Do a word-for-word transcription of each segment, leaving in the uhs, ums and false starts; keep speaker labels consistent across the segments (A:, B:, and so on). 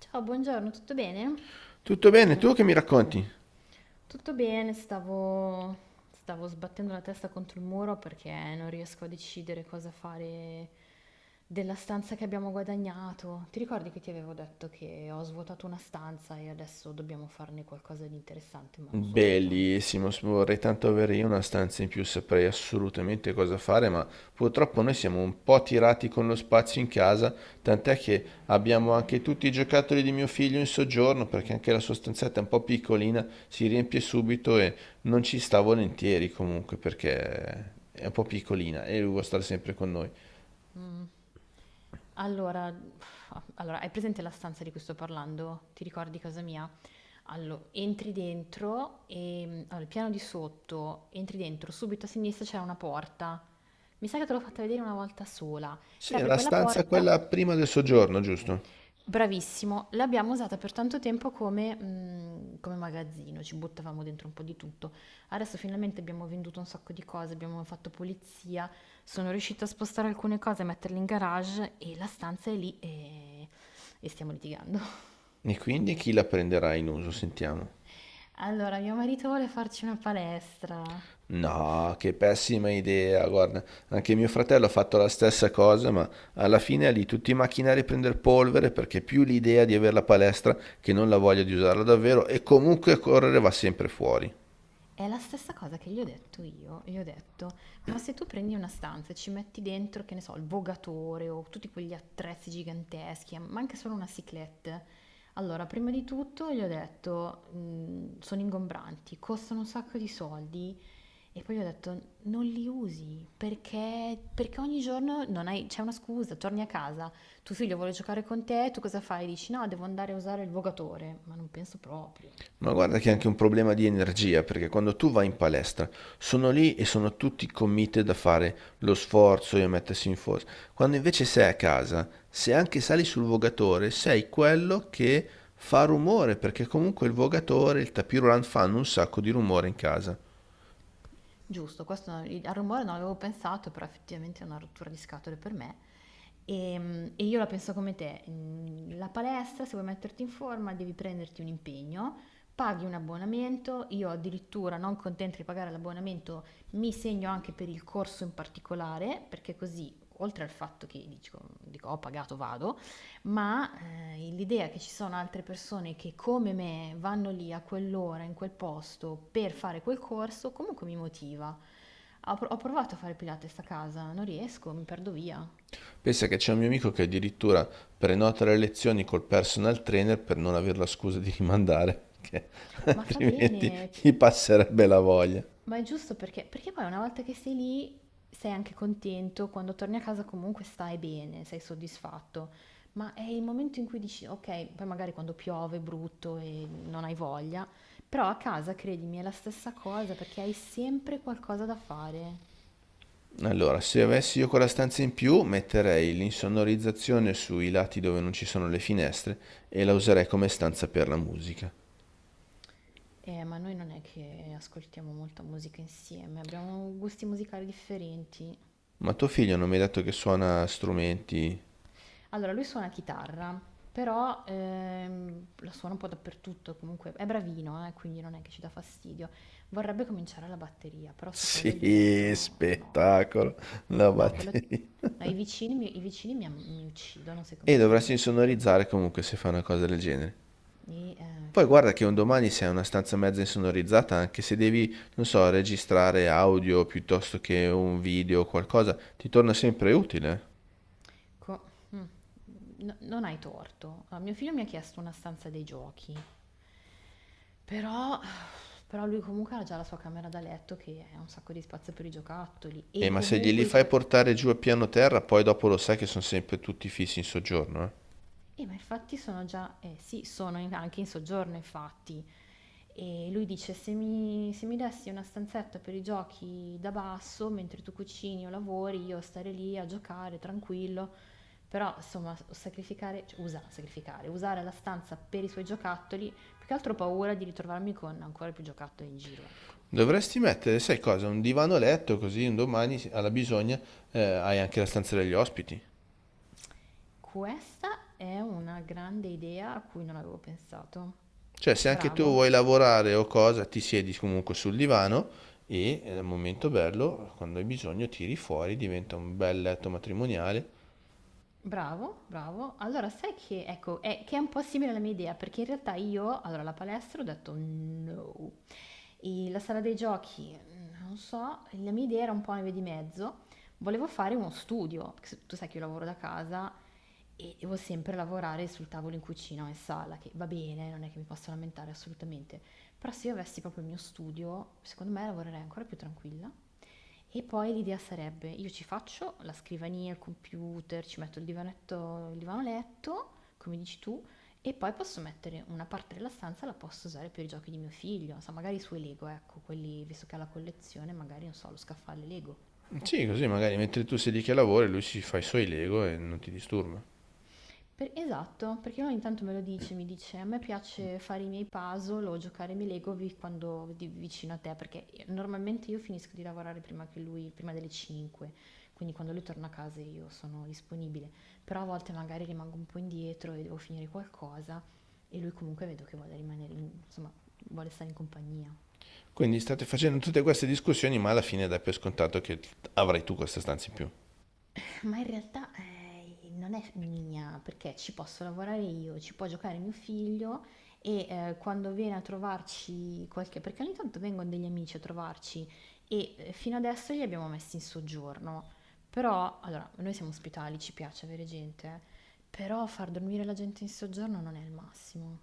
A: Ciao, buongiorno, tutto bene?
B: Tutto bene, tu che mi racconti?
A: Tutto bene, stavo, stavo sbattendo la testa contro il muro perché non riesco a decidere cosa fare della stanza che abbiamo guadagnato. Ti ricordi che ti avevo detto che ho svuotato una stanza e adesso dobbiamo farne qualcosa di interessante, ma non so cosa.
B: Bellissimo, s- vorrei tanto avere io una stanza in più, saprei assolutamente cosa fare, ma purtroppo noi siamo un po' tirati con lo spazio in casa, tant'è che abbiamo anche tutti i giocattoli di mio figlio in soggiorno, perché anche la sua stanzetta è un po' piccolina, si riempie subito e non ci sta volentieri comunque, perché è un po' piccolina e lui vuole stare sempre con noi.
A: Mm. Allora, allora, hai presente la stanza di cui sto parlando? Ti ricordi casa mia? Allora, entri dentro e allora, il piano di sotto, entri dentro, subito a sinistra c'è una porta. Mi sa che te l'ho fatta vedere una volta sola. Se
B: Sì,
A: apri
B: la
A: quella
B: stanza è
A: porta,
B: quella prima del soggiorno, giusto?
A: bravissimo, l'abbiamo usata per tanto tempo come, mm, come magazzino, ci buttavamo dentro un po' di tutto. Adesso finalmente abbiamo venduto un sacco di cose, abbiamo fatto pulizia, sono riuscita a spostare alcune cose, a metterle in garage e la stanza è lì e, e stiamo litigando.
B: E quindi chi la prenderà in uso, sentiamo.
A: Allora, mio marito vuole farci una palestra.
B: No, che pessima idea, guarda, anche mio fratello ha fatto la stessa cosa, ma alla fine è lì tutti i macchinari a prendere polvere perché più l'idea di avere la palestra che non la voglia di usarla davvero e comunque correre va sempre fuori.
A: È la stessa cosa che gli ho detto io, gli ho detto, ma se tu prendi una stanza e ci metti dentro, che ne so, il vogatore o tutti quegli attrezzi giganteschi, ma anche solo una cyclette, allora prima di tutto gli ho detto, "mh, sono ingombranti, costano un sacco di soldi e poi gli ho detto, non li usi perché, perché ogni giorno non hai- c'è una scusa, torni a casa, tuo figlio vuole giocare con te, tu cosa fai? Dici no, devo andare a usare il vogatore, ma non penso proprio.
B: Ma guarda che è anche un problema di energia, perché quando tu vai in palestra sono lì e sono tutti committed a fare lo sforzo e a mettersi in forza. Quando invece sei a casa, se anche sali sul vogatore, sei quello che fa rumore, perché comunque il vogatore, il tapis roulant fanno un sacco di rumore in casa.
A: Giusto, questo al rumore non avevo pensato, però effettivamente è una rottura di scatole per me. Ehm, e io la penso come te. Mm, La palestra, se vuoi metterti in forma, devi prenderti un impegno, paghi un abbonamento, io addirittura non contenta di pagare l'abbonamento, mi segno anche per il corso in particolare, perché così, oltre al fatto che dico, dico, ho pagato, vado, ma, ehm, l'idea che ci sono altre persone che come me vanno lì a quell'ora, in quel posto, per fare quel corso, comunque mi motiva. Ho pro ho provato a fare Pilates a casa, non riesco, mi perdo via.
B: Pensa che c'è un mio amico che addirittura prenota le lezioni col personal trainer per non avere la scusa di rimandare, perché
A: Ma fa
B: altrimenti
A: bene p
B: gli passerebbe la voglia.
A: Ma è giusto perché, perché poi una volta che sei lì sei anche contento, quando torni a casa comunque stai bene, sei soddisfatto, ma è il momento in cui dici ok, poi magari quando piove è brutto e non hai voglia, però a casa credimi è la stessa cosa perché hai sempre qualcosa da fare.
B: Allora, se avessi io quella stanza in più, metterei l'insonorizzazione sui lati dove non ci sono le finestre e la userei come stanza per la musica.
A: Eh, ma noi non è che ascoltiamo molta musica insieme, abbiamo gusti musicali differenti.
B: Ma tuo figlio non mi hai detto che suona strumenti?
A: Allora, lui suona chitarra, però ehm, la suona un po' dappertutto, comunque è bravino, eh, quindi non è che ci dà fastidio. Vorrebbe cominciare la batteria, però su quello gli ho detto
B: Sì,
A: no,
B: spettacolo, la
A: no, quello...
B: batteria.
A: no, i vicini, mi, i vicini mi, mi uccidono se
B: E
A: comincia la
B: dovresti
A: batteria.
B: insonorizzare comunque se fai una cosa del genere.
A: E eh,
B: Poi guarda che un
A: infatti.
B: domani se hai una stanza mezza insonorizzata, anche se devi, non so, registrare audio piuttosto che un video o qualcosa, ti torna sempre utile.
A: co- mm, no- Non hai torto. Allora, mio figlio mi ha chiesto una stanza dei giochi, però, però lui comunque ha già la sua camera da letto che ha un sacco di spazio per i giocattoli e
B: Eh, ma se
A: comunque
B: glieli
A: i
B: fai
A: suoi...
B: portare giù a piano terra, poi dopo lo sai che sono sempre tutti fissi in soggiorno, eh.
A: Eh, ma infatti sono già, eh sì, sono in- anche in soggiorno, infatti. E lui dice: se mi, se mi dessi una stanzetta per i giochi da basso, mentre tu cucini o lavori, io stare lì a giocare tranquillo. Però, insomma, sacrificare, cioè, usa, sacrificare, usare la stanza per i suoi giocattoli, più che altro ho paura di ritrovarmi con ancora più giocattoli in giro, ecco.
B: Dovresti mettere, sai cosa, un divano a letto così un domani alla bisogna eh, hai anche la stanza degli ospiti.
A: Questa è una grande idea a cui non avevo pensato.
B: Cioè, se anche tu
A: Bravo.
B: vuoi lavorare o cosa, ti siedi comunque sul divano e eh, al momento bello, quando hai bisogno, tiri fuori, diventa un bel letto matrimoniale.
A: Bravo, bravo. Allora, sai che, ecco, è, che è un po' simile alla mia idea, perché in realtà io, allora, la palestra ho detto no. E la sala dei giochi, non so, la mia idea era un po' una via di mezzo. Volevo fare uno studio, perché se- tu sai che io lavoro da casa e devo sempre lavorare sul tavolo in cucina o in sala, che va bene, non è che mi posso lamentare assolutamente. Però se io avessi proprio il mio studio, secondo me lavorerei ancora più tranquilla. E poi l'idea sarebbe, io ci faccio la scrivania, il computer, ci metto il divanetto, il divano letto, come dici tu, e poi posso mettere una parte della stanza, la posso usare per i giochi di mio figlio, non so, magari i suoi Lego, ecco, quelli, visto che ha la collezione, magari, non so, lo scaffale Lego.
B: Sì, così magari mentre tu sei lì che lavori, lui si fa i suoi Lego e non ti disturba.
A: Per- esatto, perché lui ogni tanto me lo dice, mi dice, a me piace fare i miei puzzle o giocare ai miei Lego vi- quando di- vicino a te, perché io- normalmente io finisco di lavorare prima che lui, prima delle cinque, quindi quando lui torna a casa io sono disponibile, però a volte magari rimango un po' indietro e devo finire qualcosa e lui comunque vedo che vuole rimanere, in- insomma, vuole stare in compagnia.
B: Quindi state facendo tutte queste discussioni, ma alla fine dai per scontato che avrai tu questa stanza in più.
A: Eh, Ma in realtà eh, non è mia, perché ci posso lavorare io, ci può giocare mio figlio e eh, quando viene a trovarci qualche... perché ogni tanto vengono degli amici a trovarci e eh, fino adesso li abbiamo messi in soggiorno. Però, allora, noi siamo ospitali, ci piace avere gente, però far dormire la gente in soggiorno non è il massimo.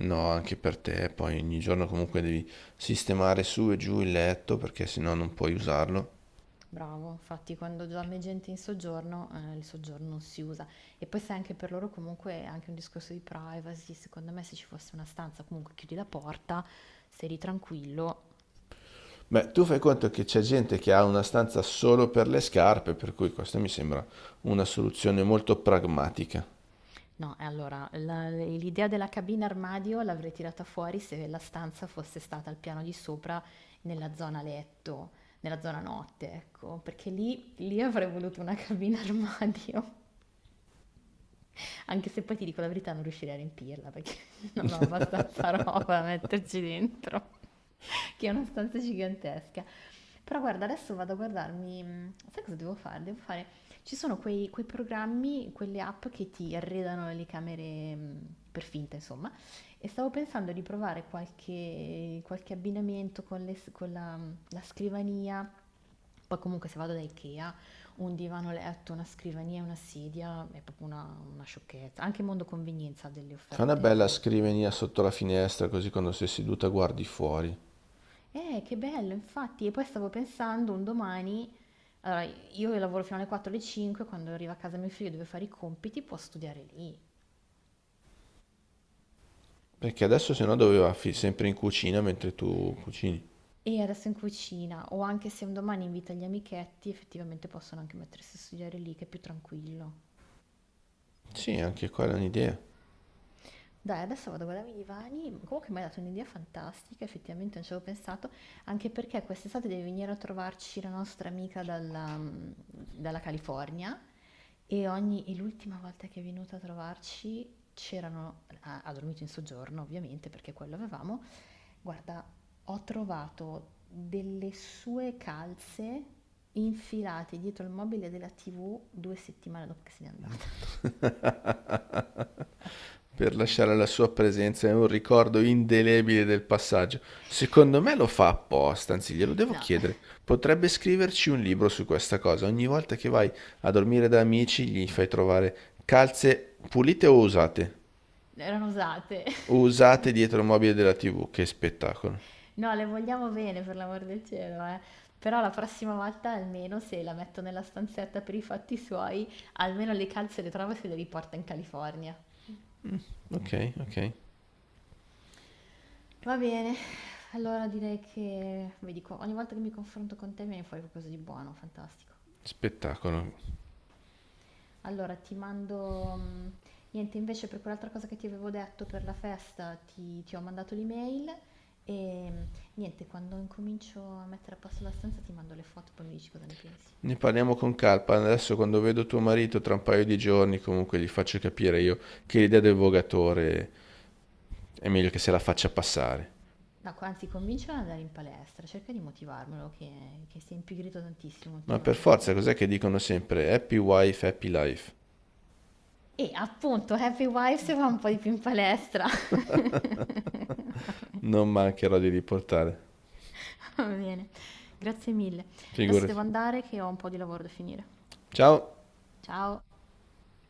B: No, anche per te, poi ogni giorno comunque devi sistemare su e giù il letto perché sennò non puoi usarlo.
A: Bravo, infatti quando già me gente in soggiorno, eh, il soggiorno non si usa. E poi sai anche per loro comunque è anche un discorso di privacy, secondo me se ci fosse una stanza comunque chiudi la porta, sei lì tranquillo.
B: Beh, tu fai conto che c'è gente che ha una stanza solo per le scarpe, per cui questa mi sembra una soluzione molto pragmatica.
A: No, e allora la- l'idea della cabina armadio l'avrei tirata fuori se la stanza fosse stata al piano di sopra nella zona letto, nella zona notte, ecco, perché lì, lì avrei voluto una cabina armadio. Anche se poi ti dico la verità, non riuscirei a riempirla perché non ho abbastanza roba da metterci dentro, che è una stanza gigantesca. Però guarda, adesso vado a guardarmi, mh, sai cosa devo fare? Devo fare, ci sono quei, quei programmi, quelle app che ti arredano le camere mh, per finta, insomma, e stavo pensando di provare qualche, qualche abbinamento con, le s- con la, mm, la scrivania, poi comunque se vado da Ikea, un divano letto, una scrivania e una sedia, è proprio una, una sciocchezza. Anche Mondo Convenienza ha delle
B: Fa una bella
A: offerte buone.
B: scrivania sotto la finestra, così quando sei seduta guardi fuori.
A: Eh, che bello, infatti, e poi stavo pensando un domani allora, io che lavoro fino alle quattro alle cinque, quando arriva a casa mio figlio e deve fare i compiti, può studiare lì.
B: Perché adesso se no doveva fi- sempre in cucina mentre tu cucini.
A: E adesso in cucina, o anche se un domani invita gli amichetti, effettivamente possono anche mettersi a studiare lì, che è più tranquillo.
B: Sì, anche quella è un'idea.
A: Dai, adesso vado a guardarmi i divani, comunque mi hai dato un'idea fantastica, effettivamente non ci avevo pensato, anche perché quest'estate deve venire a trovarci la nostra amica dalla, mm, dalla California e, ogni- e l'ultima volta che è venuta a trovarci c'erano, ha, ha dormito in soggiorno ovviamente perché quello avevamo. Guarda, ho trovato delle sue calze infilate dietro il mobile della T V due settimane dopo che se n'è andata.
B: Per lasciare la sua presenza e un ricordo indelebile del passaggio. Secondo me lo fa apposta, anzi glielo devo
A: No,
B: chiedere. Potrebbe scriverci un libro su questa cosa. Ogni volta che vai a dormire da amici gli fai trovare calze pulite o usate?
A: erano usate.
B: O usate dietro il mobile della T V. Che spettacolo.
A: No, le vogliamo bene, per l'amor del cielo, eh. Però la prossima volta, almeno se la metto nella stanzetta per i fatti suoi, almeno le calze le trovo e se le riporta in California.
B: Ok, ok.
A: Va bene, allora direi che, vi dico, ogni volta che mi confronto con te mi viene fuori qualcosa di buono, fantastico.
B: Spettacolo.
A: Allora ti mando mhmm, niente invece per quell'altra cosa che ti avevo detto per la festa ti, ti ho mandato l'email e mm, niente, quando incomincio a mettere a posto la stanza ti mando le foto, poi mi dici cosa ne pensi.
B: Ne parliamo con calpa. Adesso quando vedo tuo marito tra un paio di giorni, comunque gli faccio capire io che l'idea del vogatore è meglio che se la faccia passare.
A: No, co- anzi, convincilo ad andare in palestra, cerca di motivarmelo che, che si è impigrito tantissimo
B: Ma per forza,
A: ultimamente.
B: cos'è che dicono sempre? Happy wife, happy life.
A: E appunto, Happy Wives va un po' di più in palestra.
B: Non mancherò di riportare.
A: Va bene, grazie mille. Adesso devo
B: Figurati.
A: andare che ho un po' di lavoro da finire.
B: Ciao.
A: Ciao!